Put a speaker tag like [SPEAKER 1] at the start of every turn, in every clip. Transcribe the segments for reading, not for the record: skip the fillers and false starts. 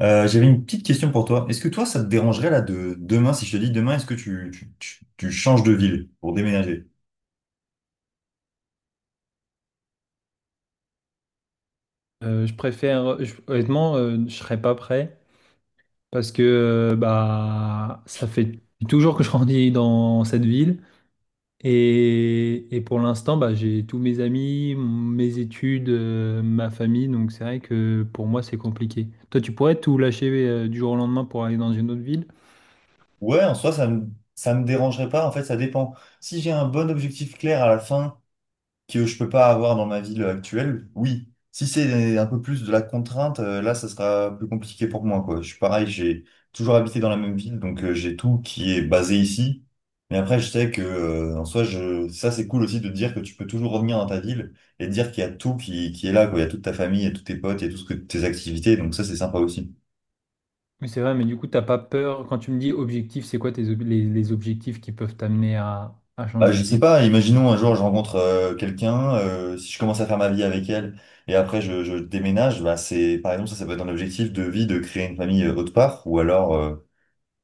[SPEAKER 1] J'avais une petite question pour toi. Est-ce que toi, ça te dérangerait là de demain, si je te dis demain, est-ce que tu changes de ville pour déménager?
[SPEAKER 2] Je préfère, honnêtement, je serais pas prêt parce que bah ça fait toujours que je grandis dans cette ville et, pour l'instant bah, j'ai tous mes amis, mes études, ma famille donc c'est vrai que pour moi c'est compliqué. Toi tu pourrais tout lâcher du jour au lendemain pour aller dans une autre ville?
[SPEAKER 1] Ouais, en soi, ça me dérangerait pas. En fait, ça dépend. Si j'ai un bon objectif clair à la fin que je peux pas avoir dans ma ville actuelle, oui. Si c'est un peu plus de la contrainte, là, ça sera plus compliqué pour moi, quoi. Je suis pareil, j'ai toujours habité dans la même ville, donc j'ai tout qui est basé ici. Mais après, je sais que, en soi, je... ça, c'est cool aussi de dire que tu peux toujours revenir dans ta ville et de dire qu'il y a tout qui est là, quoi. Il y a toute ta famille, il y a tous tes potes, il y a tout ce que tes activités, donc ça, c'est sympa aussi.
[SPEAKER 2] Mais c'est vrai, mais du coup t'as pas peur quand tu me dis objectif, c'est quoi les, objectifs qui peuvent t'amener à,
[SPEAKER 1] Bah,
[SPEAKER 2] changer
[SPEAKER 1] je
[SPEAKER 2] de
[SPEAKER 1] sais
[SPEAKER 2] ville?
[SPEAKER 1] pas, imaginons un jour je rencontre quelqu'un, si je commence à faire ma vie avec elle et après je déménage, bah c'est par exemple ça, ça peut être un objectif de vie de créer une famille autre part ou alors euh,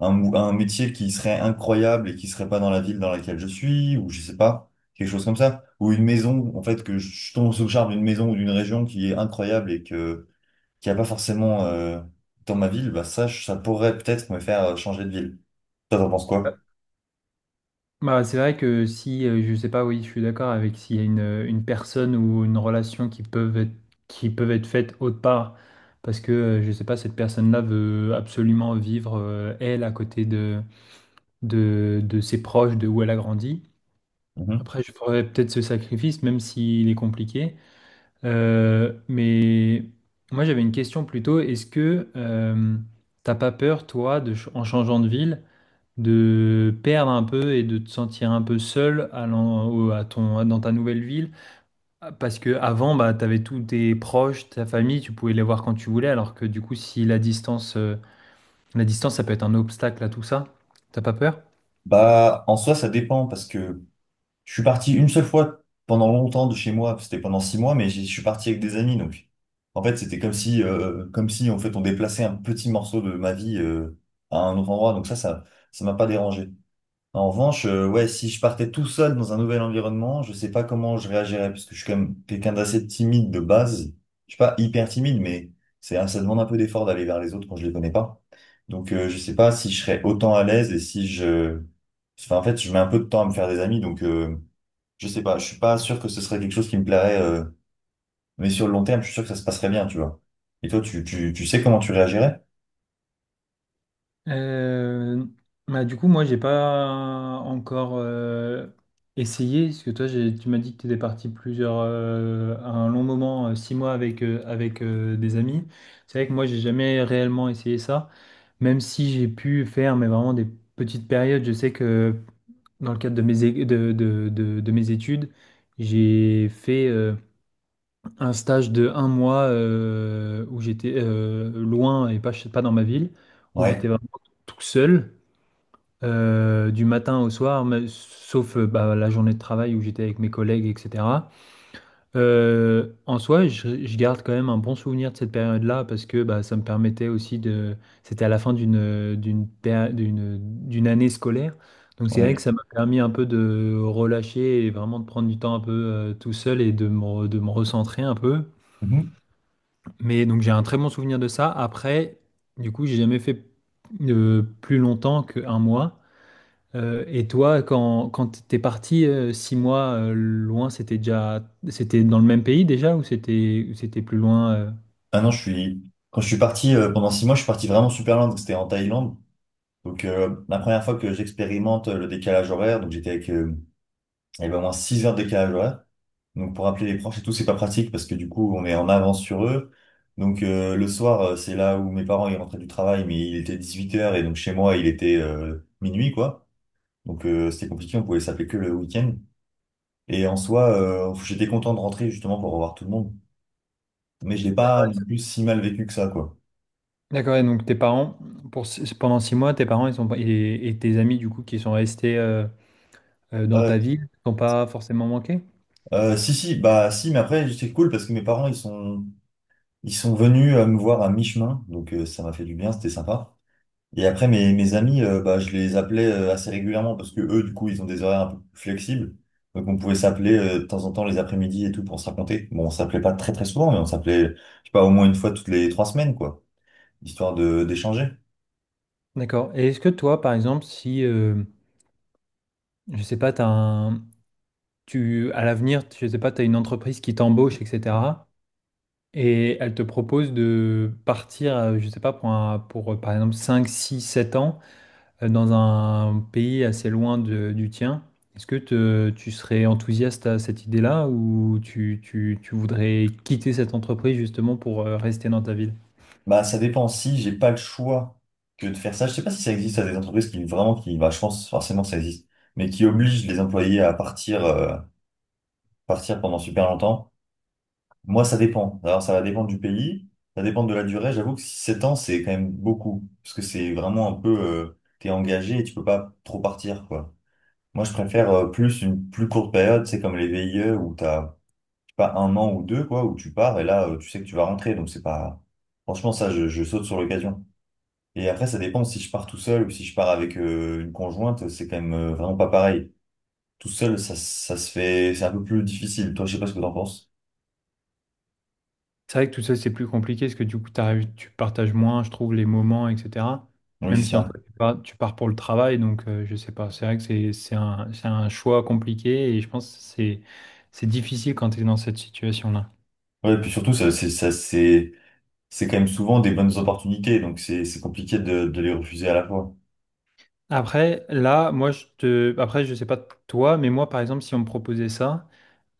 [SPEAKER 1] un, mou- un métier qui serait incroyable et qui serait pas dans la ville dans laquelle je suis ou je sais pas, quelque chose comme ça ou une maison en fait que je tombe sous le charme d'une maison ou d'une région qui est incroyable et que qui a pas forcément dans ma ville, bah ça pourrait peut-être me faire changer de ville. Toi t'en penses quoi?
[SPEAKER 2] Bah, c'est vrai que si, je sais pas, oui, je suis d'accord avec s'il y a une personne ou une relation qui peuvent être faites autre part, parce que, je sais pas, cette personne-là veut absolument vivre, elle, à côté de, de ses proches, de où elle a grandi.
[SPEAKER 1] Mhm.
[SPEAKER 2] Après, je ferais peut-être ce sacrifice, même s'il est compliqué. Mais moi, j'avais une question plutôt, est-ce que t'as pas peur, toi, de, en changeant de ville? De perdre un peu et de te sentir un peu seul à ton, dans ta nouvelle ville. Parce que avant, bah, tu avais tous tes proches, ta famille, tu pouvais les voir quand tu voulais, alors que du coup, si la distance, la distance, ça peut être un obstacle à tout ça. T'as pas peur?
[SPEAKER 1] Bah, en soi, ça dépend parce que je suis parti une seule fois pendant longtemps de chez moi, c'était pendant 6 mois, mais je suis parti avec des amis, donc en fait c'était comme si en fait on déplaçait un petit morceau de ma vie à un autre endroit, donc ça m'a pas dérangé. En revanche, ouais, si je partais tout seul dans un nouvel environnement, je sais pas comment je réagirais, parce que je suis quand même quelqu'un d'assez timide de base. Je suis pas hyper timide, mais ça demande un peu d'effort d'aller vers les autres quand je les connais pas. Donc je sais pas si je serais autant à l'aise et si enfin, en fait, je mets un peu de temps à me faire des amis, donc. Je sais pas, je suis pas sûr que ce serait quelque chose qui me plairait, mais sur le long terme, je suis sûr que ça se passerait bien, tu vois. Et toi, tu sais comment tu réagirais?
[SPEAKER 2] Euh, Bah, du coup, moi, j'ai pas encore essayé, parce que toi, tu m'as dit que tu étais parti plusieurs, un long moment, six mois avec, avec des amis. C'est vrai que moi, j'ai jamais réellement essayé ça, même si j'ai pu faire, mais vraiment des petites périodes. Je sais que dans le cadre de mes, é- de mes études, j'ai fait un stage de 1 mois où j'étais loin et pas, pas dans ma ville, où j'étais
[SPEAKER 1] Ouais,
[SPEAKER 2] vraiment tout seul du matin au soir, sauf bah, la journée de travail où j'étais avec mes collègues, etc. En soi, je garde quand même un bon souvenir de cette période-là parce que bah, ça me permettait aussi de... C'était à la fin d'une d'une année scolaire. Donc c'est vrai que
[SPEAKER 1] ouais.
[SPEAKER 2] ça m'a permis un peu de relâcher et vraiment de prendre du temps un peu tout seul et de de me recentrer un peu.
[SPEAKER 1] Mhm.
[SPEAKER 2] Mais donc j'ai un très bon souvenir de ça. Après, du coup, j'ai jamais fait plus longtemps qu'un mois. Et toi, quand t'es parti 6 mois loin, c'était déjà, c'était dans le même pays déjà ou c'était plus loin
[SPEAKER 1] Ah non, quand je suis parti, pendant 6 mois, je suis parti vraiment super loin, donc c'était en Thaïlande. Donc, la première fois que j'expérimente le décalage horaire, donc j'étais avec, il y avait au moins 6 heures de décalage horaire. Donc, pour appeler les proches et tout, c'est pas pratique parce que du coup, on est en avance sur eux. Donc, le soir, c'est là où mes parents, ils rentraient du travail, mais il était 18h et donc chez moi, il était, minuit, quoi. Donc c'était compliqué, on pouvait s'appeler que le week-end. Et en soi, j'étais content de rentrer justement pour revoir tout le monde. Mais je l'ai pas
[SPEAKER 2] D'accord.
[SPEAKER 1] non plus si mal vécu que ça, quoi.
[SPEAKER 2] D'accord, et donc tes parents, pour, pendant 6 mois, tes parents ils sont, et tes amis du coup qui sont restés dans
[SPEAKER 1] Euh,
[SPEAKER 2] ta ville, t'ont pas forcément manqué?
[SPEAKER 1] Si, si, bah si, mais après, c'était cool parce que mes parents, ils sont venus me voir à mi-chemin, donc ça m'a fait du bien, c'était sympa. Et après, mes amis, bah, je les appelais assez régulièrement parce que eux, du coup, ils ont des horaires un peu plus flexibles. Donc on pouvait s'appeler de temps en temps les après-midi et tout pour se raconter. Bon, on s'appelait pas très très souvent, mais on s'appelait, je sais pas, au moins une fois toutes les 3 semaines, quoi, histoire de d'échanger.
[SPEAKER 2] D'accord. Et est-ce que toi, par exemple, si, je sais pas, tu, à l'avenir, je sais pas, tu as une entreprise qui t'embauche, etc. Et elle te propose de partir, je sais pas, pour, par exemple 5, 6, 7 ans dans un pays assez loin du tien. Est-ce que tu serais enthousiaste à cette idée-là ou tu voudrais quitter cette entreprise justement pour rester dans ta ville?
[SPEAKER 1] Bah, ça dépend. Si j'ai pas le choix que de faire ça, je sais pas si ça existe à des entreprises qui vraiment, qui, bah, je pense forcément que ça existe, mais qui obligent les employés à partir, partir pendant super longtemps. Moi, ça dépend. Alors, ça va dépendre du pays, ça dépend de la durée. J'avoue que 7 ans, c'est quand même beaucoup, parce que c'est vraiment un peu, t'es engagé et tu peux pas trop partir, quoi. Moi, je préfère, plus une plus courte période, c'est comme les VIE où t'as, je sais pas 1 an ou 2, quoi, où tu pars et là, tu sais que tu vas rentrer, donc c'est pas, franchement, ça, je saute sur l'occasion. Et après, ça dépend si je pars tout seul ou si je pars avec une conjointe, c'est quand même vraiment pas pareil. Tout seul, ça se fait, c'est un peu plus difficile. Toi, je sais pas ce que t'en penses.
[SPEAKER 2] C'est vrai que tout ça, c'est plus compliqué parce que du coup, tu partages moins, je trouve, les moments, etc.
[SPEAKER 1] Oui,
[SPEAKER 2] Même
[SPEAKER 1] c'est
[SPEAKER 2] si en
[SPEAKER 1] ça.
[SPEAKER 2] fait, tu pars pour le travail, donc je sais pas. C'est vrai que c'est un choix compliqué et je pense que c'est difficile quand tu es dans cette situation-là.
[SPEAKER 1] Ouais, et puis surtout, c'est quand même souvent des bonnes opportunités, donc c'est compliqué de les refuser à la fois.
[SPEAKER 2] Après, là, moi, je te... Après, je sais pas toi, mais moi, par exemple, si on me proposait ça,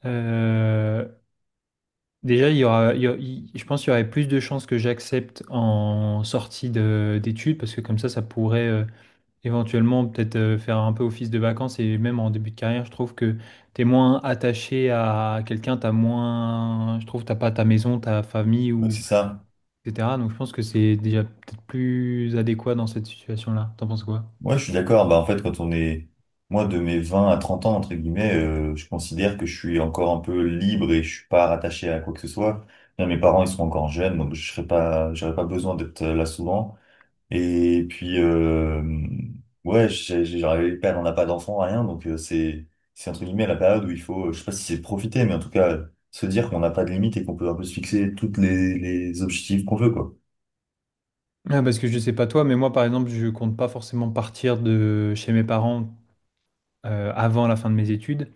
[SPEAKER 2] euh, déjà, il y aura, il y a- il- je pense qu'il y aurait plus de chances que j'accepte en sortie d'études parce que comme ça pourrait... éventuellement peut-être faire un peu office de vacances et même en début de carrière, je trouve que t'es moins attaché à quelqu'un, t'as moins, je trouve, t'as pas ta maison, ta famille
[SPEAKER 1] Oui,
[SPEAKER 2] ou
[SPEAKER 1] c'est ça.
[SPEAKER 2] etc. Donc je pense que c'est déjà peut-être plus adéquat dans cette situation-là. T'en penses quoi?
[SPEAKER 1] Ouais, je suis d'accord. Bah, en fait, moi, de mes 20 à 30 ans, entre guillemets, je considère que je suis encore un peu libre et je suis pas rattaché à quoi que ce soit. Là, mes parents, ils sont encore jeunes, donc je serais pas, j'aurais pas besoin d'être là souvent. Et puis, ouais, j'arrive pas, elle en a pas d'enfant, rien, donc c'est entre guillemets la période où il faut, je sais pas si c'est profiter, mais en tout cas, se dire qu'on n'a pas de limite et qu'on peut un peu se fixer toutes les objectifs qu'on veut, quoi.
[SPEAKER 2] Ah, parce que je sais pas toi, mais moi par exemple, je compte pas forcément partir de chez mes parents avant la fin de mes études.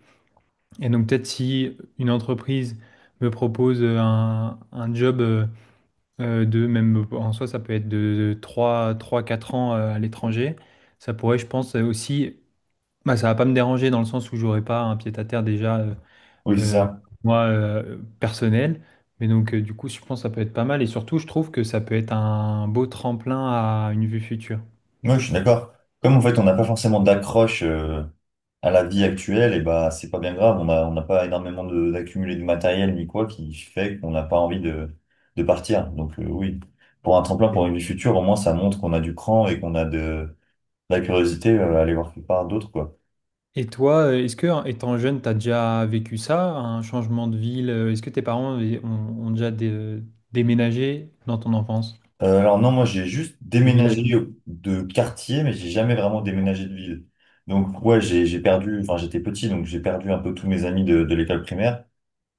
[SPEAKER 2] Et donc peut-être si une entreprise me propose un job. De même en soi, ça peut être de 3 ou 4 ans à l'étranger. Ça pourrait, je pense, aussi. Bah, ça va pas me déranger dans le sens où j'aurai pas un pied-à-terre déjà,
[SPEAKER 1] Oui, c'est
[SPEAKER 2] euh,
[SPEAKER 1] ça.
[SPEAKER 2] moi, personnel. Mais donc, du coup, je pense que ça peut être pas mal. Et surtout, je trouve que ça peut être un beau tremplin à une vue future.
[SPEAKER 1] Moi, je suis d'accord. Comme en fait, on n'a pas forcément d'accroche à la vie actuelle, et bah, c'est pas bien grave, on n'a pas énormément d'accumuler de matériel ni quoi qui fait qu'on n'a pas envie de partir. Donc, oui, pour un tremplin, pour une vie future, au moins, ça montre qu'on a du cran et qu'on a de, la curiosité, aller voir quelque part d'autre, quoi.
[SPEAKER 2] Et toi, est-ce que, en étant jeune, tu as déjà vécu ça, un changement de ville? Est-ce que ont, ont déjà déménagé dans ton enfance,
[SPEAKER 1] Alors non, moi j'ai juste
[SPEAKER 2] de ville à
[SPEAKER 1] déménagé
[SPEAKER 2] ville
[SPEAKER 1] de quartier, mais j'ai jamais vraiment déménagé de ville. Donc ouais, j'ai perdu, enfin j'étais petit, donc j'ai perdu un peu tous mes amis de l'école primaire.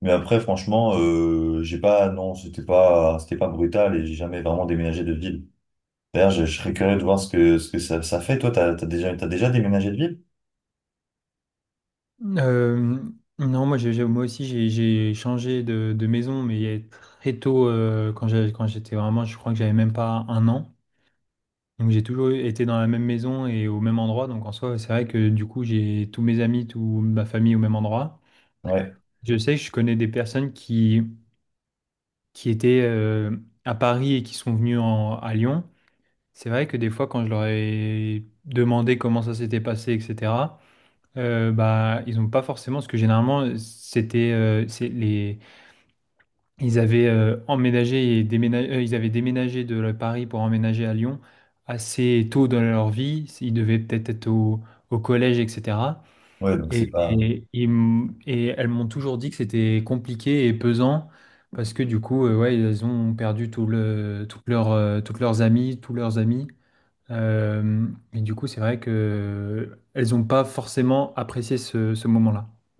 [SPEAKER 1] Mais après, franchement, j'ai pas, non, c'était pas brutal et j'ai jamais vraiment déménagé de ville. D'ailleurs, je serais curieux de voir ce que ça, ça fait. Toi, t'as déjà déménagé de ville?
[SPEAKER 2] Euh, non, moi, moi aussi, j'ai changé de maison, mais il y a très tôt, quand quand j'étais vraiment, je crois que j'avais même pas un an. Donc, j'ai toujours été dans la même maison et au même endroit. Donc, en soi, c'est vrai que du coup, j'ai tous mes amis, toute ma famille au même endroit.
[SPEAKER 1] Ouais,
[SPEAKER 2] Je sais que je connais des personnes qui étaient à Paris et qui sont venues à Lyon. C'est vrai que des fois, quand je leur ai demandé comment ça s'était passé, etc., bah, ils n'ont pas forcément, parce que généralement, c'était, ils avaient ils avaient déménagé de Paris pour emménager à Lyon assez tôt dans leur vie. Ils devaient peut-être être au, collège, etc.
[SPEAKER 1] ouais, donc c'est pas.
[SPEAKER 2] Et elles m'ont toujours dit que c'était compliqué et pesant parce que du coup, ouais, ils ont perdu toutes leurs amies, tous leurs amis. Euh, et du coup, c'est vrai que elles n'ont pas forcément apprécié ce moment-là.